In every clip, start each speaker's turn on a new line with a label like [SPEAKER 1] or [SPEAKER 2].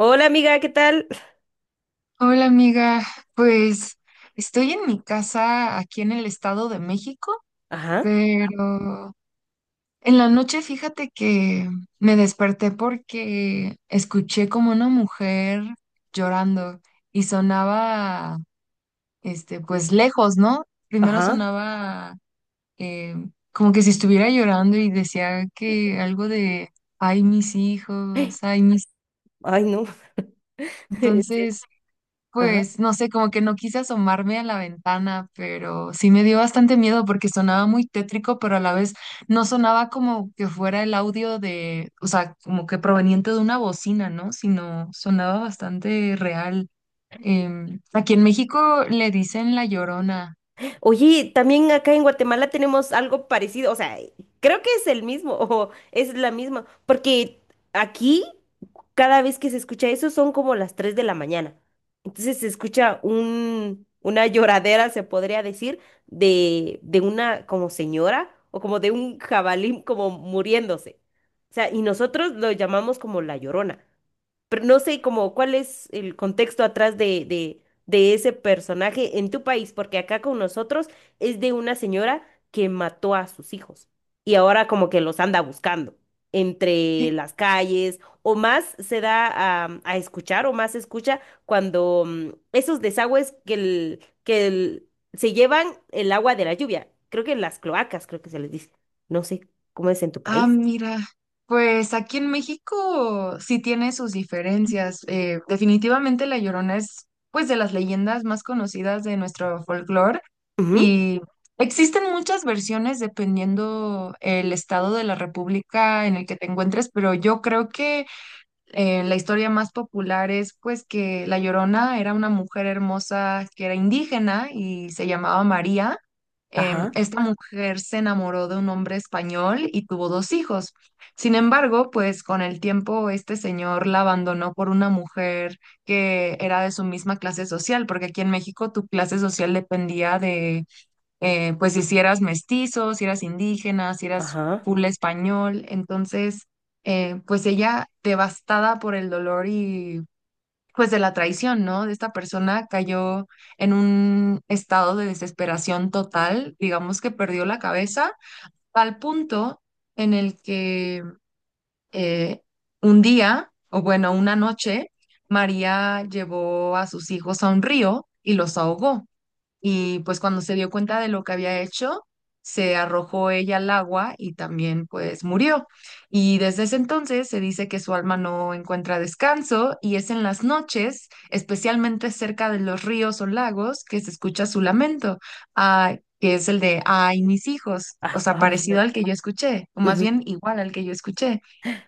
[SPEAKER 1] Hola amiga, ¿qué tal?
[SPEAKER 2] Hola amiga, pues estoy en mi casa aquí en el Estado de México,
[SPEAKER 1] Ajá,
[SPEAKER 2] pero en la noche fíjate que me desperté porque escuché como una mujer llorando y sonaba, pues lejos, ¿no? Primero
[SPEAKER 1] ajá,
[SPEAKER 2] sonaba eh, como que si estuviera llorando y decía que algo de, ay mis hijos, ay mis...
[SPEAKER 1] ay no, en serio,
[SPEAKER 2] Entonces...
[SPEAKER 1] ajá.
[SPEAKER 2] Pues no sé, como que no quise asomarme a la ventana, pero sí me dio bastante miedo porque sonaba muy tétrico, pero a la vez no sonaba como que fuera el audio de, o sea, como que proveniente de una bocina, ¿no? Sino sonaba bastante real. Aquí en México le dicen la Llorona.
[SPEAKER 1] Oye, también acá en Guatemala tenemos algo parecido, o sea, creo que es el mismo, o es la misma, porque aquí cada vez que se escucha eso son como las 3 de la mañana. Entonces se escucha una lloradera, se podría decir, de una como señora o como de un jabalí como muriéndose. O sea, y nosotros lo llamamos como la Llorona. Pero no sé como cuál es el contexto atrás de ese personaje en tu país, porque acá con nosotros es de una señora que mató a sus hijos y ahora como que los anda buscando entre las calles o más se da a escuchar o más se escucha cuando esos desagües que se llevan el agua de la lluvia, creo que las cloacas, creo que se les dice, no sé cómo es en tu
[SPEAKER 2] Ah,
[SPEAKER 1] país.
[SPEAKER 2] mira, pues aquí en México sí tiene sus diferencias. Definitivamente La Llorona es pues de las leyendas más conocidas de nuestro folclore
[SPEAKER 1] Ujú.
[SPEAKER 2] y existen muchas versiones dependiendo el estado de la república en el que te encuentres, pero yo creo que la historia más popular es pues que La Llorona era una mujer hermosa que era indígena y se llamaba María.
[SPEAKER 1] Ajá,
[SPEAKER 2] Esta mujer se enamoró de un hombre español y tuvo dos hijos. Sin embargo, pues con el tiempo este señor la abandonó por una mujer que era de su misma clase social, porque aquí en México tu clase social dependía de pues si eras mestizo, si eras indígena, si eras
[SPEAKER 1] ajá.
[SPEAKER 2] full español, entonces pues ella devastada por el dolor y pues de la traición, ¿no? De esta persona cayó en un estado de desesperación total, digamos que perdió la cabeza, al punto en el que eh, un día, o bueno, una noche, María llevó a sus hijos a un río y los ahogó y pues cuando se dio cuenta de lo que había hecho, se arrojó ella al agua y también pues murió. Y desde ese entonces se dice que su alma no encuentra descanso y es en las noches, especialmente cerca de los ríos o lagos, que se escucha su lamento, ah, que es el de, ay, mis hijos, o
[SPEAKER 1] Ah,
[SPEAKER 2] sea,
[SPEAKER 1] ay,
[SPEAKER 2] parecido al que yo escuché, o más
[SPEAKER 1] no.
[SPEAKER 2] bien igual al que yo escuché.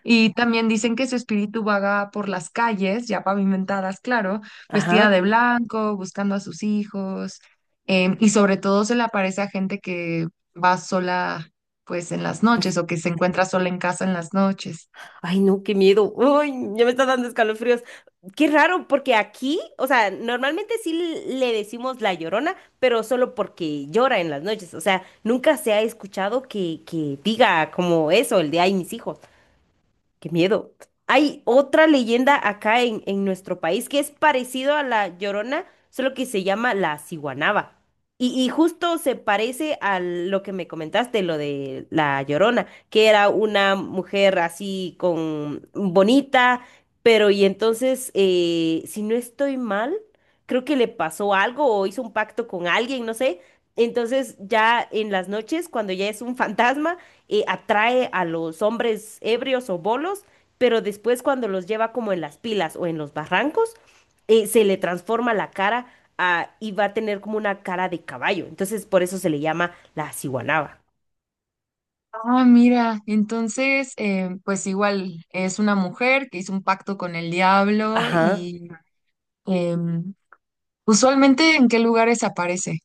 [SPEAKER 2] Y también dicen que su espíritu vaga por las calles, ya pavimentadas, claro, vestida
[SPEAKER 1] Ajá.
[SPEAKER 2] de blanco, buscando a sus hijos. Y sobre todo se le aparece a gente que va sola, pues en las noches o que se encuentra sola en casa en las noches.
[SPEAKER 1] Ay, no, qué miedo. Ay, ya me está dando escalofríos. Qué raro, porque aquí, o sea, normalmente sí le decimos la Llorona, pero solo porque llora en las noches. O sea, nunca se ha escuchado que diga como eso, el de ay, mis hijos. Qué miedo. Hay otra leyenda acá en nuestro país que es parecido a la Llorona, solo que se llama la Ciguanaba. Y justo se parece a lo que me comentaste, lo de la Llorona, que era una mujer así con bonita, pero y entonces, si no estoy mal, creo que le pasó algo o hizo un pacto con alguien, no sé, entonces ya en las noches, cuando ya es un fantasma, atrae a los hombres ebrios o bolos, pero después cuando los lleva como en las pilas o en los barrancos, se le transforma la cara y va a tener como una cara de caballo. Entonces por eso se le llama la Ciguanaba.
[SPEAKER 2] Ah, mira, entonces, pues igual es una mujer que hizo un pacto con el diablo
[SPEAKER 1] Ajá.
[SPEAKER 2] y em, usualmente ¿en qué lugares aparece?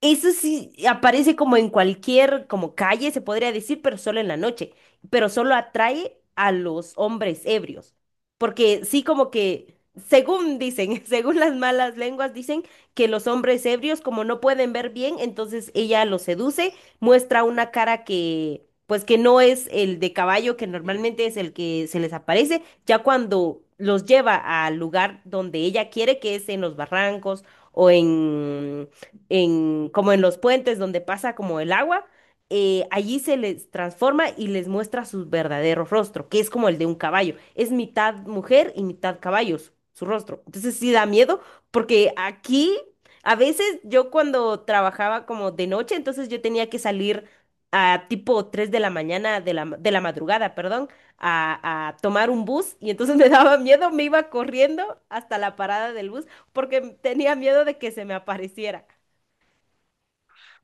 [SPEAKER 1] Eso sí aparece como en cualquier, como calle, se podría decir, pero solo en la noche. Pero solo atrae a los hombres ebrios. Porque sí, como que, según dicen, según las malas lenguas, dicen que los hombres ebrios, como no pueden ver bien, entonces ella los seduce, muestra una cara que, pues que no es el de caballo, que normalmente es el que se les aparece, ya cuando los lleva al lugar donde ella quiere, que es en los barrancos o como en los puentes donde pasa como el agua, allí se les transforma y les muestra su verdadero rostro, que es como el de un caballo. Es mitad mujer y mitad caballo su, su rostro. Entonces sí da miedo, porque aquí a veces yo cuando trabajaba como de noche, entonces yo tenía que salir a tipo 3 de la mañana, de la, de la madrugada, perdón, a tomar un bus y entonces me daba miedo, me iba corriendo hasta la parada del bus porque tenía miedo de que se me apareciera.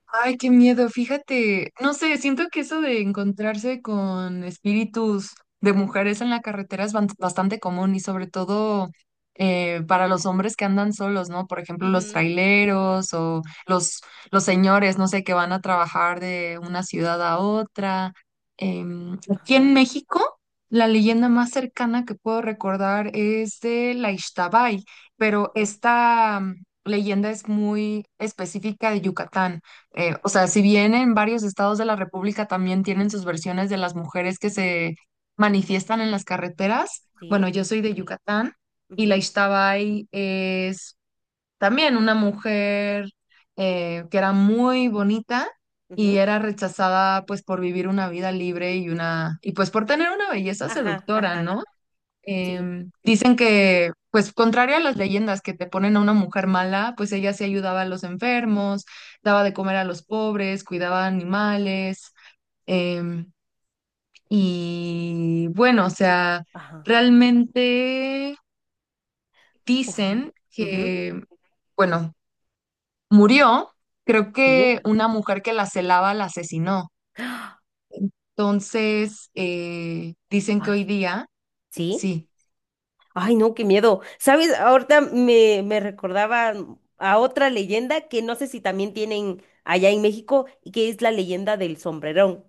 [SPEAKER 2] Ay, qué miedo, fíjate, no sé, siento que eso de encontrarse con espíritus de mujeres en la carretera es bastante común y sobre todo para los hombres que andan solos, ¿no? Por ejemplo, los
[SPEAKER 1] Ujú.
[SPEAKER 2] traileros o los, los señores, no sé, que van a trabajar de una ciudad a otra. Aquí en
[SPEAKER 1] Ajá,
[SPEAKER 2] México, la leyenda más cercana que puedo recordar es de la Ixtabay, pero
[SPEAKER 1] ajá,
[SPEAKER 2] esta leyenda es muy específica de Yucatán. O
[SPEAKER 1] ajá,
[SPEAKER 2] sea, si bien en varios estados de la República también tienen sus versiones de las mujeres que se manifiestan en las carreteras,
[SPEAKER 1] sí,
[SPEAKER 2] bueno, yo soy de Yucatán y la
[SPEAKER 1] ujú,
[SPEAKER 2] Ixtabay es también una mujer que era muy bonita y
[SPEAKER 1] ujú,
[SPEAKER 2] era rechazada pues por vivir una vida libre y pues por tener una belleza
[SPEAKER 1] ajá,
[SPEAKER 2] seductora,
[SPEAKER 1] ajá,
[SPEAKER 2] ¿no?
[SPEAKER 1] sí,
[SPEAKER 2] Dicen que, pues, contrario a las leyendas que te ponen a una mujer mala, pues ella sí ayudaba a los enfermos, daba de comer a los pobres, cuidaba animales. em, y bueno, o sea,
[SPEAKER 1] ajá,
[SPEAKER 2] realmente
[SPEAKER 1] ujú,
[SPEAKER 2] dicen
[SPEAKER 1] ujú,
[SPEAKER 2] que, bueno, murió. Creo
[SPEAKER 1] sí,
[SPEAKER 2] que una mujer que la celaba la asesinó. Entonces, dicen que
[SPEAKER 1] ay,
[SPEAKER 2] hoy día,
[SPEAKER 1] sí.
[SPEAKER 2] sí.
[SPEAKER 1] Ay, no, qué miedo. ¿Sabes? Ahorita me recordaba a otra leyenda que no sé si también tienen allá en México, y que es la leyenda del Sombrerón.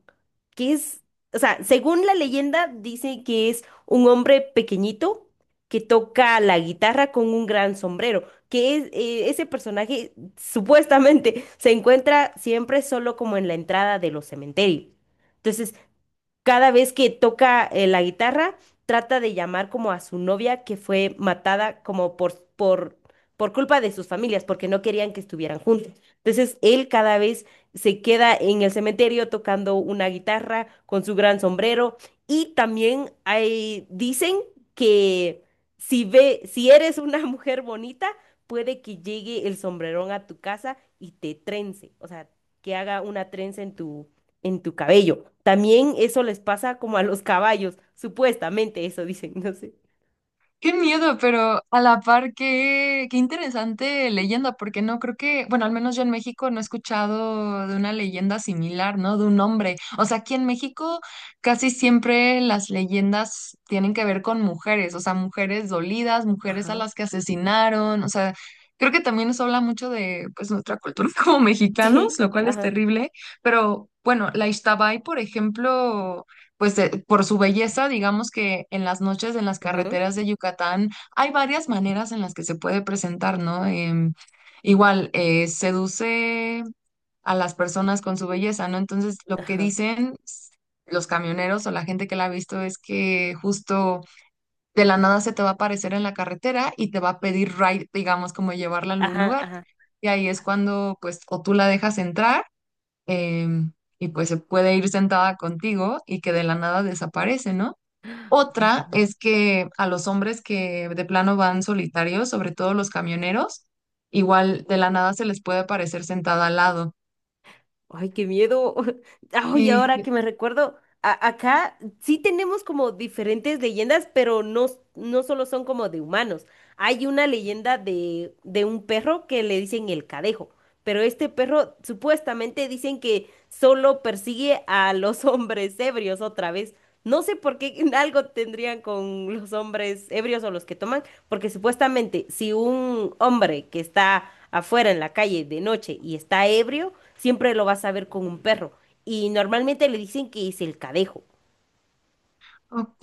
[SPEAKER 1] Que es, o sea, según la leyenda, dice que es un hombre pequeñito que toca la guitarra con un gran sombrero. Que es, ese personaje supuestamente se encuentra siempre solo como en la entrada de los cementerios. Entonces cada vez que toca la guitarra, trata de llamar como a su novia que fue matada como por culpa de sus familias, porque no querían que estuvieran juntos. Entonces, él cada vez se queda en el cementerio tocando una guitarra con su gran sombrero. Y también hay, dicen que si ve, si eres una mujer bonita, puede que llegue el Sombrerón a tu casa y te trence, o sea, que haga una trenza en tu cabello. También eso les pasa como a los caballos, supuestamente eso dicen, no sé.
[SPEAKER 2] Qué miedo, pero a la par qué, qué interesante leyenda, porque no creo que, bueno, al menos yo en México no he escuchado de una leyenda similar, ¿no? De un hombre. O sea, aquí en México casi siempre las leyendas tienen que ver con mujeres, o sea, mujeres dolidas, mujeres a
[SPEAKER 1] Ajá.
[SPEAKER 2] las que asesinaron, o sea, creo que también eso habla mucho de, pues, nuestra cultura como mexicanos,
[SPEAKER 1] Sí,
[SPEAKER 2] lo cual es
[SPEAKER 1] ajá.
[SPEAKER 2] terrible, pero bueno, la Ixtabay, por ejemplo, pues por su belleza, digamos que en las noches en las
[SPEAKER 1] Ujú.
[SPEAKER 2] carreteras de Yucatán hay varias maneras en las que se puede presentar, ¿no? Igual, seduce a las personas con su belleza, ¿no? Entonces, lo que
[SPEAKER 1] Ajá.
[SPEAKER 2] dicen los camioneros o la gente que la ha visto es que justo de la nada se te va a aparecer en la carretera y te va a pedir ride, digamos, como llevarla a algún
[SPEAKER 1] Ajá,
[SPEAKER 2] lugar.
[SPEAKER 1] ajá.
[SPEAKER 2] Y ahí es cuando, pues, o tú la dejas entrar em, y pues se puede ir sentada contigo y que de la nada desaparece, ¿no?
[SPEAKER 1] Ay,
[SPEAKER 2] Otra
[SPEAKER 1] qué,
[SPEAKER 2] es que a los hombres que de plano van solitarios, sobre todo los camioneros, igual de la nada se les puede aparecer sentada al lado.
[SPEAKER 1] ay, qué miedo. Ay,
[SPEAKER 2] Sí.
[SPEAKER 1] ahora que me recuerdo, acá sí tenemos como diferentes leyendas, pero no, no solo son como de humanos. Hay una leyenda de un perro que le dicen el Cadejo, pero este perro supuestamente dicen que solo persigue a los hombres ebrios otra vez. No sé por qué algo tendrían con los hombres ebrios o los que toman, porque supuestamente si un hombre que está afuera en la calle de noche y está ebrio, siempre lo vas a ver con un perro. Y normalmente le dicen que es el Cadejo.
[SPEAKER 2] Ok,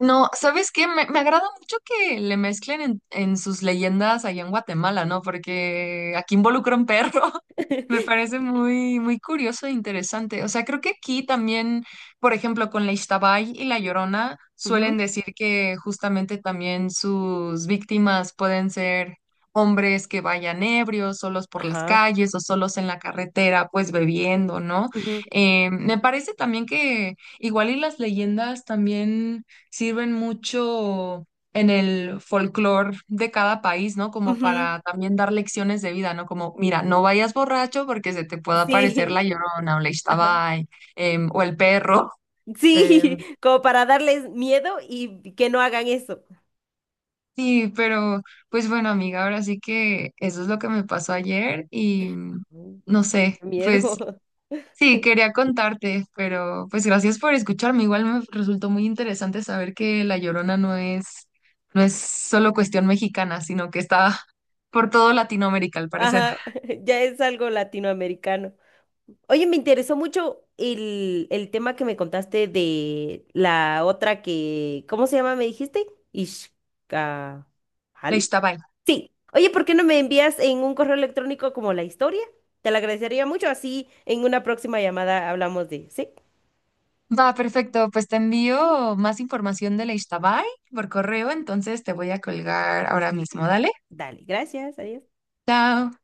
[SPEAKER 2] no, ¿sabes qué? Me agrada mucho que le mezclen en sus leyendas allá en Guatemala, ¿no? Porque aquí involucra un perro. Me parece muy, muy curioso e interesante. O sea, creo que aquí también, por ejemplo, con la Ixtabay y la Llorona, suelen
[SPEAKER 1] Ujú.
[SPEAKER 2] decir que justamente también sus víctimas pueden ser hombres que vayan ebrios, solos por las
[SPEAKER 1] Ajá.
[SPEAKER 2] calles o solos en la carretera, pues bebiendo, ¿no?
[SPEAKER 1] Ujú,
[SPEAKER 2] Me parece también que igual las leyendas también sirven mucho en el folclore de cada país, ¿no? Como
[SPEAKER 1] ujú,
[SPEAKER 2] para también dar lecciones de vida, ¿no? Como, mira, no vayas borracho porque se te puede aparecer
[SPEAKER 1] sí.
[SPEAKER 2] la Llorona o la
[SPEAKER 1] Ajá.
[SPEAKER 2] Ixtabay, o el perro. em.
[SPEAKER 1] Sí, como para darles miedo y que no hagan eso.
[SPEAKER 2] Sí, pero pues bueno, amiga, ahora sí que eso es lo que me pasó ayer y
[SPEAKER 1] Ujú.
[SPEAKER 2] no
[SPEAKER 1] Qué
[SPEAKER 2] sé,
[SPEAKER 1] miedo.
[SPEAKER 2] pues sí, quería contarte, pero pues gracias por escucharme. Igual me resultó muy interesante saber que La Llorona no es, no es solo cuestión mexicana, sino que está por todo Latinoamérica, al parecer.
[SPEAKER 1] Ajá. Ya es algo latinoamericano. Oye, me interesó mucho el tema que me contaste de la otra que, ¿cómo se llama? ¿Me dijiste? Ishkahal.
[SPEAKER 2] La Ixtabay.
[SPEAKER 1] Sí. Oye, ¿por qué no me envías en un correo electrónico como la historia? Te la agradecería mucho. Así en una próxima llamada hablamos de, sí.
[SPEAKER 2] Va, perfecto. Pues te envío más información de la Ixtabay por correo, entonces te voy a colgar ahora mismo. Dale.
[SPEAKER 1] Dale, gracias, adiós.
[SPEAKER 2] Chao.